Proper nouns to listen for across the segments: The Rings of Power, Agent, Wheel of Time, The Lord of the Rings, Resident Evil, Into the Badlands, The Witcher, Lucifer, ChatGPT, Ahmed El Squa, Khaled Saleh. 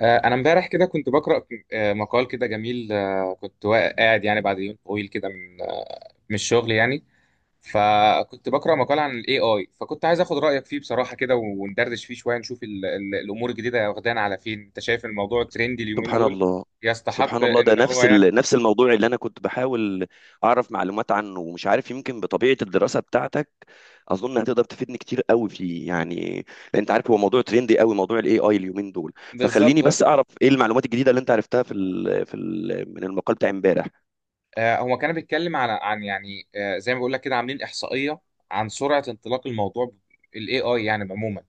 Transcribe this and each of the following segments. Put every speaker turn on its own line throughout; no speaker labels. انا امبارح كده كنت بقرا مقال كده جميل. كنت قاعد يعني بعد يوم طويل كده من الشغل يعني. فكنت بقرا مقال عن الاي اي، فكنت عايز اخد رايك فيه بصراحه كده وندردش فيه شويه نشوف ال ال الامور الجديده واخدانا على فين. انت شايف الموضوع الترندي اليومين
سبحان
دول
الله.
يستحق
سبحان الله، ده
ان هو
نفس
يعني
ال... نفس الموضوع اللي انا كنت بحاول اعرف معلومات عنه، ومش عارف، يمكن بطبيعه الدراسه بتاعتك اظن هتقدر تفيدني كتير قوي فيه، يعني لان انت عارف هو موضوع تريندي قوي، موضوع الاي اي اليومين دول.
بالظبط؟
فخليني بس اعرف ايه المعلومات الجديده اللي انت عرفتها في ال... في ال... من المقال بتاع امبارح.
هو كان بيتكلم عن يعني، زي ما بقول لك كده، عاملين احصائيه عن سرعه انطلاق الموضوع، الاي اي يعني عموما.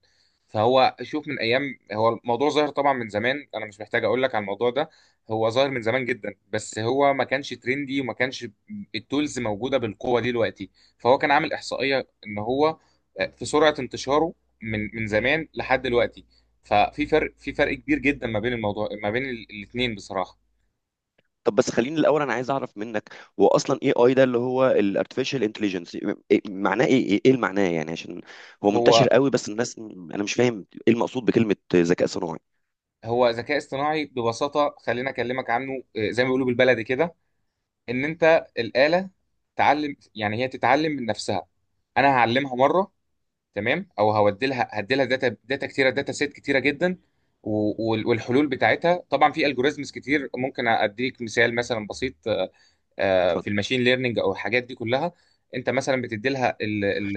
فهو شوف، من ايام، هو الموضوع ظاهر طبعا من زمان، انا مش محتاج اقول لك على الموضوع ده، هو ظاهر من زمان جدا، بس هو ما كانش ترندي وما كانش التولز موجوده بالقوه دي دلوقتي. فهو كان عامل احصائيه ان هو في سرعه انتشاره من زمان لحد دلوقتي. ففي فرق كبير جدا ما بين الموضوع، ما بين الاثنين بصراحه.
طب بس خليني الاول، انا عايز اعرف منك هو اصلا اي اي ده اللي هو الارتفيشال انتليجنس معناه ايه، ايه إيه المعناه، يعني عشان هو منتشر
هو
قوي بس الناس انا مش فاهم ايه المقصود بكلمه ذكاء صناعي.
هو ذكاء اصطناعي ببساطة. خلينا أكلمك عنه، زي ما بيقولوا بالبلدي كده، إن أنت الآلة تعلم، يعني هي تتعلم من نفسها. أنا هعلمها مرة، تمام، أو هودي لها هدي لها داتا سيت كتيرة جدا. والحلول بتاعتها طبعا، في الجوريزمز كتير. ممكن أديك مثال مثلا بسيط، في
اتفضل.
الماشين ليرنينج أو الحاجات دي كلها. أنت مثلا بتدي لها.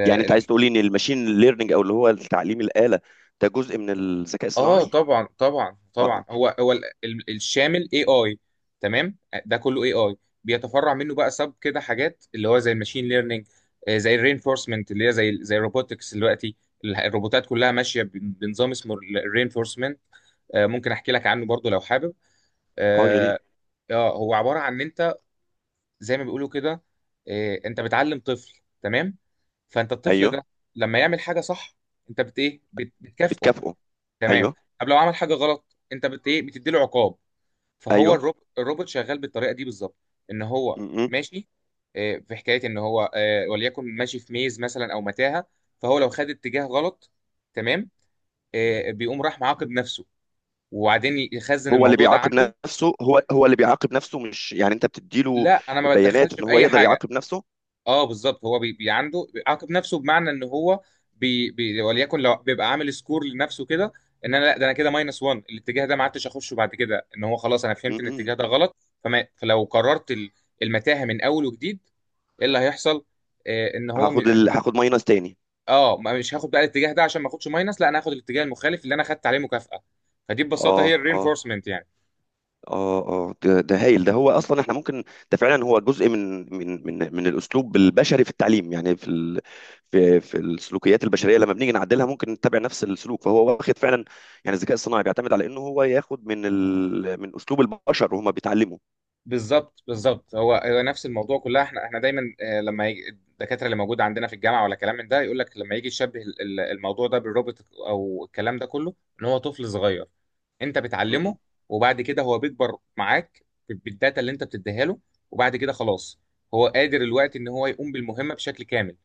يعني انت عايز تقولي ان الماشين ليرنينج او اللي هو تعليم الآلة ده جزء من الذكاء
اه
الصناعي؟
طبعا طبعا
اه،
طبعا،
اه.
هو الشامل اي اي. تمام، ده كله اي اي. بيتفرع منه بقى سب كده حاجات، اللي هو زي الماشين ليرنينج، زي الرينفورسمنت اللي هي زي الروبوتكس دلوقتي. الروبوتات كلها ماشيه بنظام اسمه الرينفورسمنت. ممكن احكي لك عنه برضو لو حابب.
آه، يا ريت.
اه. هو عباره عن ان انت، زي ما بيقولوا كده، انت بتعلم طفل، تمام. فانت الطفل
ايوه.
ده لما يعمل حاجه صح، انت بت ايه، بتكافئه.
بتكافئه.
تمام.
ايوه.
طب لو عمل حاجه غلط، انت بت ايه، بتدي له عقاب. فهو
ايوه.
الروبوت شغال بالطريقه دي بالظبط، ان
م-
هو
م.
ماشي في حكايه ان هو، وليكن ماشي في ميز مثلا او متاهه، فهو لو خد اتجاه غلط، تمام، بيقوم راح معاقب نفسه وبعدين يخزن
هو اللي
الموضوع ده
بيعاقب
عنده.
نفسه؟ هو اللي بيعاقب نفسه مش يعني انت بتديله
لا، انا ما
بيانات
بتدخلش
ان هو
باي
يقدر
حاجه.
يعاقب نفسه؟
اه بالظبط، هو بي بي عنده بيعاقب نفسه، بمعنى ان هو بي بي وليكن لو بيبقى عامل سكور لنفسه كده، ان انا لا، ده انا كده ماينس 1، الاتجاه ده ما عدتش اخشه بعد كده، ان هو خلاص انا
م-
فهمت ان
م.
الاتجاه ده غلط. فلو قررت المتاهه من اول وجديد، ايه اللي هيحصل؟ ان هو
هاخد ال... هاخد ماينس تاني.
مش هاخد بقى الاتجاه ده عشان ما اخدش ماينس، لا انا هاخد الاتجاه المخالف اللي انا خدت عليه مكافاه. فدي ببساطه
اه،
هي
اه.
الرينفورسمنت يعني.
اه، اه. ده هايل. ده هو اصلا احنا ممكن، ده فعلا هو جزء من الاسلوب البشري في التعليم، يعني في ال في في السلوكيات البشريه لما بنيجي نعدلها ممكن نتبع نفس السلوك. فهو واخد فعلا، يعني الذكاء الصناعي بيعتمد على انه هو ياخد من ال من اسلوب البشر وهما بيتعلموا.
بالظبط بالظبط، هو نفس الموضوع كلها. احنا دايما لما يجي الدكاتره اللي موجوده عندنا في الجامعه ولا كلام من ده، يقول لك لما يجي يشبه الموضوع ده بالروبوت او الكلام ده كله، ان هو طفل صغير انت
م- م.
بتعلمه، وبعد كده هو بيكبر معاك بالداتا اللي انت بتديها له، وبعد كده خلاص هو قادر الوقت ان هو يقوم بالمهمه بشكل كامل،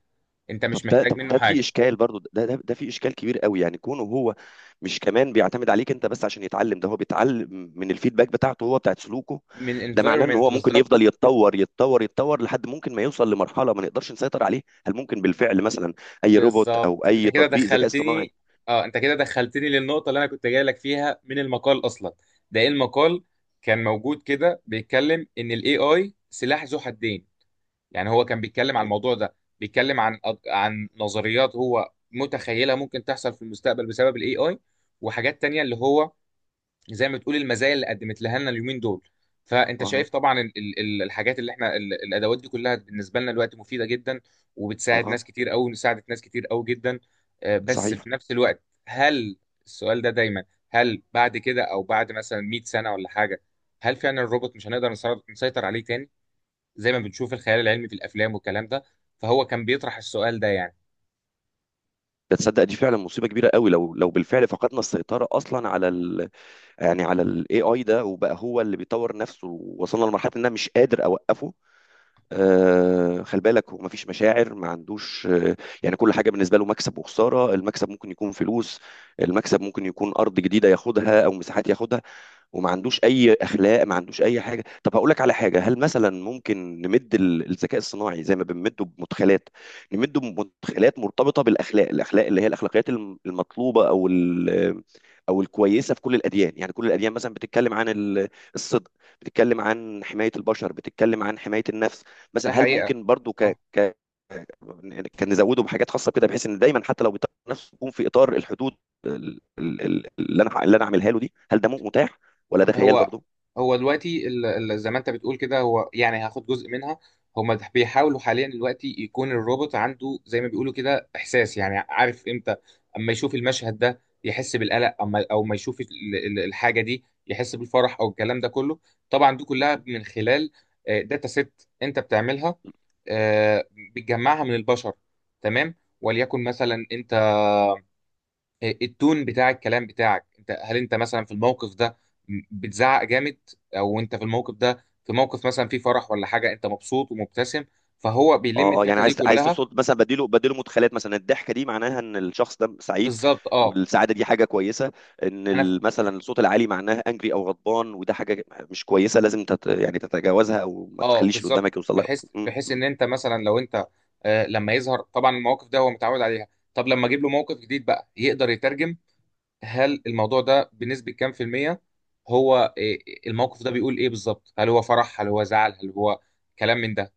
انت
طب
مش
ده،
محتاج
طب
منه
ده في
حاجه.
اشكال برضو، ده في اشكال كبير قوي، يعني كونه هو مش كمان بيعتمد عليك انت بس عشان يتعلم، ده هو بيتعلم من الفيدباك بتاعته هو، بتاعت سلوكه.
من
ده معناه ان
environment
هو ممكن
بالظبط.
يفضل يتطور يتطور يتطور لحد ممكن ما يوصل لمرحله ما نقدرش نسيطر عليه. هل ممكن بالفعل مثلا اي روبوت او
بالظبط، انت
اي
كده
تطبيق ذكاء اصطناعي؟
دخلتني. اه، انت كده دخلتني للنقطة اللي انا كنت جاي لك فيها من المقال اصلا. ده ايه المقال، كان موجود كده بيتكلم ان الاي اي سلاح ذو حدين، يعني هو كان بيتكلم عن
ايوه.
الموضوع ده، بيتكلم عن نظريات هو متخيلها ممكن تحصل في المستقبل بسبب الاي اي، وحاجات تانية اللي هو، زي ما بتقول، المزايا اللي قدمت لها لنا اليومين دول. فانت
اه،
شايف طبعا الحاجات اللي احنا، الادوات دي كلها بالنسبه لنا دلوقتي مفيده جدا
اه.
وبتساعد
اه.
ناس كتير قوي، ساعدت ناس كتير قوي جدا. بس
صحيح.
في نفس الوقت، هل، السؤال ده دايما، هل بعد كده او بعد مثلا 100 سنه ولا حاجه، هل فعلا الروبوت مش هنقدر نسيطر عليه تاني زي ما بنشوف الخيال العلمي في الافلام والكلام ده؟ فهو كان بيطرح السؤال ده يعني.
ده تصدق دي فعلا مصيبه كبيره قوي، لو بالفعل فقدنا السيطره اصلا على ال يعني على الاي اي ده، وبقى هو اللي بيطور نفسه، ووصلنا لمرحله ان انا مش قادر اوقفه. خلي بالك هو مفيش مشاعر، ما عندوش يعني كل حاجه بالنسبه له مكسب وخساره. المكسب ممكن يكون فلوس، المكسب ممكن يكون ارض جديده ياخدها او مساحات ياخدها، وما عندوش اي اخلاق، ما عندوش اي حاجه. طب هقول لك على حاجه، هل مثلا ممكن نمد ال- الذكاء الصناعي زي ما بنمده بمدخلات، نمده بمدخلات مرتبطه بالاخلاق، الاخلاق اللي هي الاخلاقيات الم- المطلوبه او ال- او الكويسه في كل الاديان، يعني كل الاديان مثلا بتتكلم عن ال- الصدق، بتتكلم عن حمايه البشر، بتتكلم عن حمايه النفس.
ده
مثلا هل
حقيقه.
ممكن برضو ك ك كان نزوده بحاجات خاصه كده بحيث ان دايما حتى لو بيطلع نفسه يكون في اطار الحدود ال- ال- ال- اللي انا اللي انا عاملها له دي؟ هل ده متاح ولا ده خيال
هو
برضو؟
هو دلوقتي ال-، زي ما انت بتقول كده، هو يعني هاخد جزء منها. هما بيحاولوا حاليا دلوقتي يكون الروبوت عنده، زي ما بيقولوا كده، احساس، يعني عارف امتى اما يشوف المشهد ده يحس بالقلق، اما او ما يشوف الحاجه دي يحس بالفرح او الكلام ده كله. طبعا دي كلها من خلال داتا سيت انت بتعملها، آه، بتجمعها من البشر، تمام. وليكن مثلا انت، التون بتاع الكلام بتاعك انت، هل انت مثلا في الموقف ده بتزعق جامد، او انت في الموقف ده، في موقف مثلا فيه فرح ولا حاجه، انت مبسوط ومبتسم. فهو بيلم
اه، اه. يعني
الداتا دي
عايز
كلها
تصد مثلا بديله، بديله مدخلات مثلا الضحكه دي معناها ان الشخص ده سعيد
بالظبط. اه،
والسعاده دي حاجه كويسه، ان
انا ف-
ال- مثلا الصوت العالي معناها انجري او غضبان وده حاجه مش كويسه لازم تت يعني تتجاوزها او ما
اه
تخليش اللي
بالظبط،
قدامك يوصل لها.
بحيث ان انت مثلا، لو انت لما يظهر طبعا المواقف ده هو متعود عليها. طب لما اجيب له موقف جديد بقى، يقدر يترجم هل الموضوع ده بنسبه كام في الميه هو، الموقف ده بيقول ايه بالظبط، هل هو فرح، هل هو زعل، هل هو كلام من ده.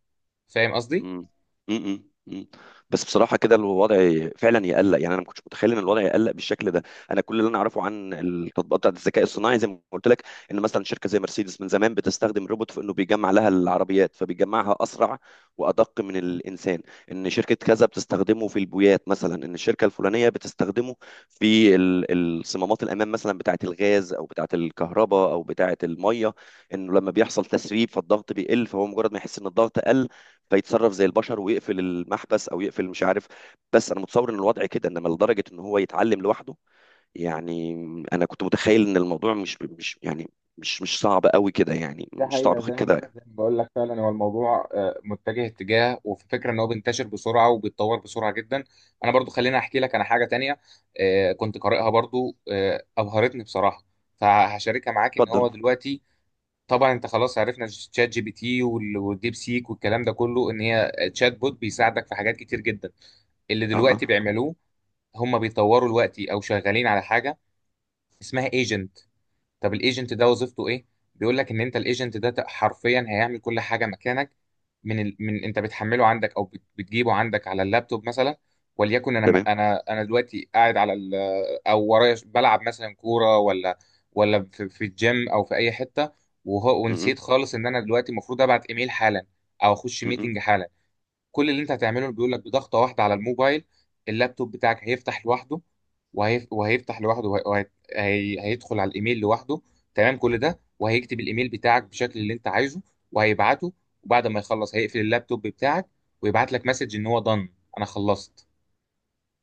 فاهم قصدي.
مم. مم. مم. بس بصراحة كده الوضع فعلا يقلق، يعني أنا ما كنتش متخيل إن الوضع يقلق بالشكل ده. أنا كل اللي أنا أعرفه عن التطبيقات بتاعت الذكاء الصناعي زي ما قلت لك، إن مثلا شركة زي مرسيدس من زمان بتستخدم روبوت في إنه بيجمع لها العربيات فبيجمعها أسرع وأدق من الإنسان، إن شركة كذا بتستخدمه في البويات مثلا، إن الشركة الفلانية بتستخدمه في ال- الصمامات الأمام مثلا بتاعت الغاز أو بتاعت الكهرباء أو بتاعت المية، إنه لما بيحصل تسريب فالضغط بيقل فهو مجرد ما يحس إن الضغط قل فيتصرف زي البشر ويقفل المحبس او يقفل مش عارف. بس انا متصور ان الوضع كده، انما لدرجه ان هو يتعلم لوحده، يعني انا كنت متخيل ان الموضوع مش يعني مش صعب قوي كده، يعني
ده
مش
حقيقة،
صعب
زي ما
كده.
زي ما بقول لك، فعلا هو الموضوع متجه اتجاه، وفي فكرة ان هو بينتشر بسرعة وبيتطور بسرعة جدا. انا برضو خليني احكي لك انا حاجة تانية كنت قارئها برضو، ابهرتني بصراحة، فهشاركها معاك. ان هو
اتفضل.
دلوقتي، طبعا انت خلاص، عرفنا تشات جي بي تي والديب سيك والكلام ده كله، ان هي تشات بوت بيساعدك في حاجات كتير جدا. اللي
اه،
دلوقتي
اه.
بيعملوه، هم بيطوروا دلوقتي او شغالين على حاجة اسمها ايجنت. طب الايجنت ده وظيفته ايه؟ بيقول لك ان انت الايجنت ده حرفيا هيعمل كل حاجه مكانك، من من انت بتحمله عندك او بتجيبه عندك على اللابتوب مثلا. وليكن انا،
تمام.
دلوقتي قاعد على او ورايا بلعب مثلا كوره، ولا في الجيم او في اي حته،
م-
ونسيت
م-
خالص ان انا دلوقتي المفروض ابعت ايميل حالا، او اخش
م- م.
ميتنج حالا. كل اللي انت هتعمله، بيقول لك، بضغطه واحده على الموبايل اللابتوب بتاعك هيفتح لوحده، وهيف... وهيفتح لوحده وهي... وهي... هي- هيدخل على الايميل لوحده، تمام، كل ده، وهيكتب الايميل بتاعك بالشكل اللي انت عايزه وهيبعته، وبعد ما يخلص هيقفل اللابتوب بتاعك ويبعت لك مسج ان هو done، انا خلصت.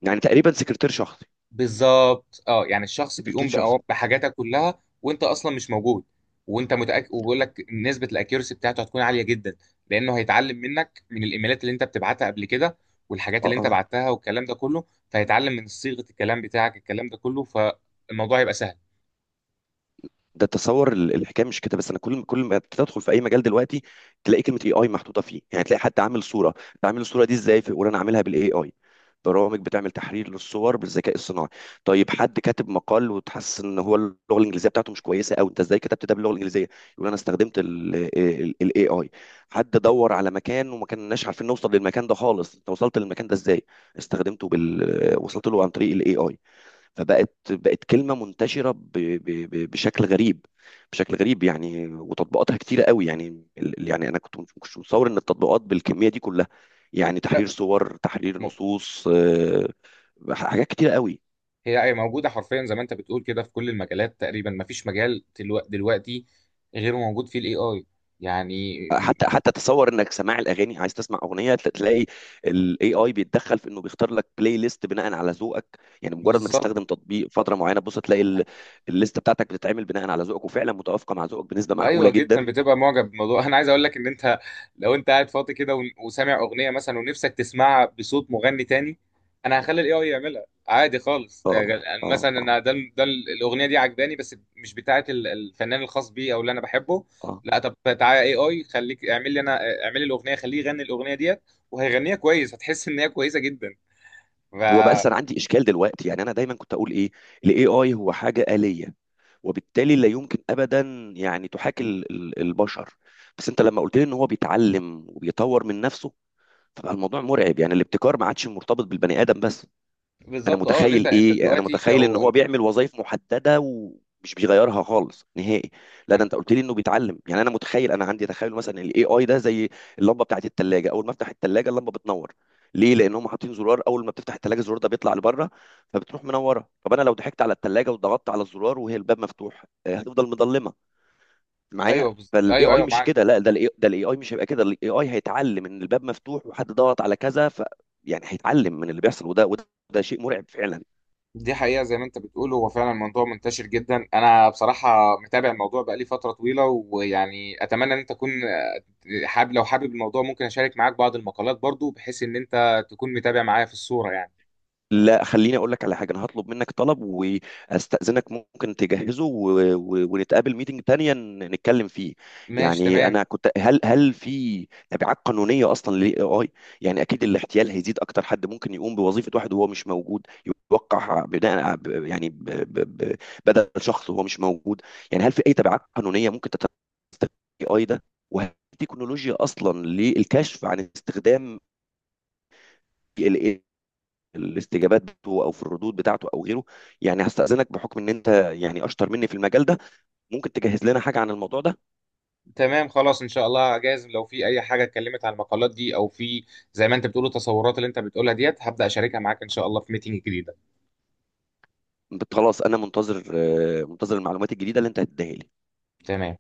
يعني تقريبا سكرتير شخصي.
بالظبط، اه، يعني الشخص بيقوم
سكرتير شخصي.
بحاجاتك كلها وانت اصلا مش موجود. وانت متاكد، وبيقول لك نسبه الاكيورسي بتاعته هتكون عاليه جدا لانه هيتعلم منك من الايميلات اللي انت بتبعتها قبل كده والحاجات
اه،
اللي انت
اه.
بعتها والكلام ده كله، فهيتعلم من صيغه الكلام بتاعك الكلام ده كله، فالموضوع هيبقى سهل.
ده تصور ال- الحكايه مش كده بس، انا كل ما تدخل في اي مجال دلوقتي تلاقي كلمه اي اي محطوطه فيه، يعني تلاقي حد عامل صوره، تعمل الصوره دي ازاي؟ في- وانا عاملها بالاي اي. برامج بتعمل تحرير للصور بالذكاء الصناعي. طيب حد كاتب مقال وتحس ان هو اللغه الانجليزيه بتاعته مش كويسه، او انت ازاي كتبت ده باللغه الانجليزيه؟ يقول انا استخدمت الاي اي. حد دور على مكان وما كناش عارفين نوصل للمكان ده خالص، انت وصلت للمكان ده ازاي؟ استخدمته بال وصلت له عن طريق الاي اي. فبقت، بقت كلمة منتشرة ب- ب- ب- بشكل غريب. بشكل غريب يعني، وتطبيقاتها كتيرة قوي، يعني ال- يعني أنا كنت مش متصور إن التطبيقات بالكمية دي كلها، يعني
لا.
تحرير صور، تحرير
م-
نصوص، حاجات كتيرة قوي.
هي موجوده حرفيا زي ما انت بتقول كده في كل المجالات تقريبا، ما فيش مجال دلوقتي غير موجود فيه الاي اي، يعني.
حتى حتى تصور انك سماع الاغاني، عايز تسمع اغنيه، تل- تلاقي الاي اي بيتدخل في انه بيختار لك بلاي ليست بناء على ذوقك، يعني مجرد ما
بالظبط.
تستخدم تطبيق فتره معينه تبص تلاقي ال- الليسته بتاعتك بتتعمل بناء على ذوقك وفعلا متوافقه مع ذوقك بنسبه معقوله
ايوه، جدا،
جدا.
بتبقى معجب بالموضوع. انا عايز اقول لك ان انت لو انت قاعد فاضي كده وسامع اغنيه مثلا، ونفسك تسمعها بصوت مغني تاني، انا هخلي الاي اي يعملها عادي خالص،
اه،
يعني
اه.
مثلا،
اه،
انا ده الاغنيه دي عجباني، بس مش بتاعه الفنان الخاص بي او اللي انا بحبه.
اه.
لا، طب تعالى اي اي، خليك اعمل لي انا اعمل لي الاغنيه، خليه يغني الاغنيه ديت، وهيغنيها كويس، هتحس ان هي كويسه جدا. ف
هو بقى انا عندي اشكال دلوقتي، يعني انا دايما كنت اقول ايه، الاي اي هو حاجه آلية وبالتالي لا يمكن ابدا يعني تحاكي ال- ال- البشر، بس انت لما قلت لي ان هو بيتعلم وبيطور من نفسه، فبقى الموضوع مرعب. يعني الابتكار ما عادش مرتبط بالبني ادم بس. انا
بالظبط، اه، ان انت
متخيل
انت
ايه، انا
دلوقتي
متخيل ان
لو،
هو بيعمل وظائف محدده ومش بيغيرها خالص نهائي، لا ده انت قلت لي انه بيتعلم. يعني انا متخيل، انا عندي تخيل مثلا الاي اي ده زي اللمبه بتاعت الثلاجه، اول ما افتح الثلاجه اللمبه بتنور. ليه؟ لان هم حاطين زرار اول ما بتفتح الثلاجه الزرار ده بيطلع لبره فبتروح منوره. طب انا لو ضحكت على الثلاجه وضغطت على الزرار وهي الباب مفتوح، هتفضل مضلمه معايا.
ايوه
فالاي
ايوه
اي
ايوه،
مش
معاك.
كده، لا ده الاي ده الاي اي مش هيبقى كده، الاي اي هيتعلم ان الباب مفتوح وحد ضغط على كذا، ف يعني هيتعلم من اللي بيحصل، وده شيء مرعب فعلا.
دي حقيقة، زي ما انت بتقول، هو فعلا موضوع منتشر جدا. انا بصراحة متابع الموضوع بقالي فترة طويلة، ويعني اتمنى ان انت تكون حابب، لو حابب الموضوع ممكن اشارك معاك بعض المقالات برضو، بحيث ان انت تكون متابع معايا في الصورة يعني.
لا خليني اقول لك على حاجه، انا هطلب منك طلب واستاذنك ممكن تجهزه و... و... ونتقابل ميتنج تانية ن- نتكلم فيه.
ماشي
يعني
تمام.
انا كنت، هل في تبعات قانونيه اصلا للاي اي؟ يعني اكيد الاحتيال هيزيد اكتر، حد ممكن يقوم بوظيفه واحد وهو مش موجود، يوقع بناء ع- ب- يعني ب... ب... ب... بدل شخص وهو مش موجود. يعني هل في اي تبعات قانونيه ممكن تتستفيد الاي اي ده؟ وهل في تكنولوجيا اصلا للكشف عن استخدام ال الاستجابات بتاعته او في الردود بتاعته او غيره؟ يعني هستأذنك بحكم ان انت يعني اشطر مني في المجال ده، ممكن تجهز لنا حاجه عن الموضوع ده.
تمام خلاص ان شاء الله، جايز لو في اي حاجة اتكلمت عن المقالات دي او في، زي ما انت بتقول، التصورات اللي انت بتقولها ديت، هبدأ اشاركها معاك ان شاء الله في ميتنج جديدة.
بت- خلاص انا منتظر، منتظر المعلومات الجديده اللي انت هتديها لي.
تمام.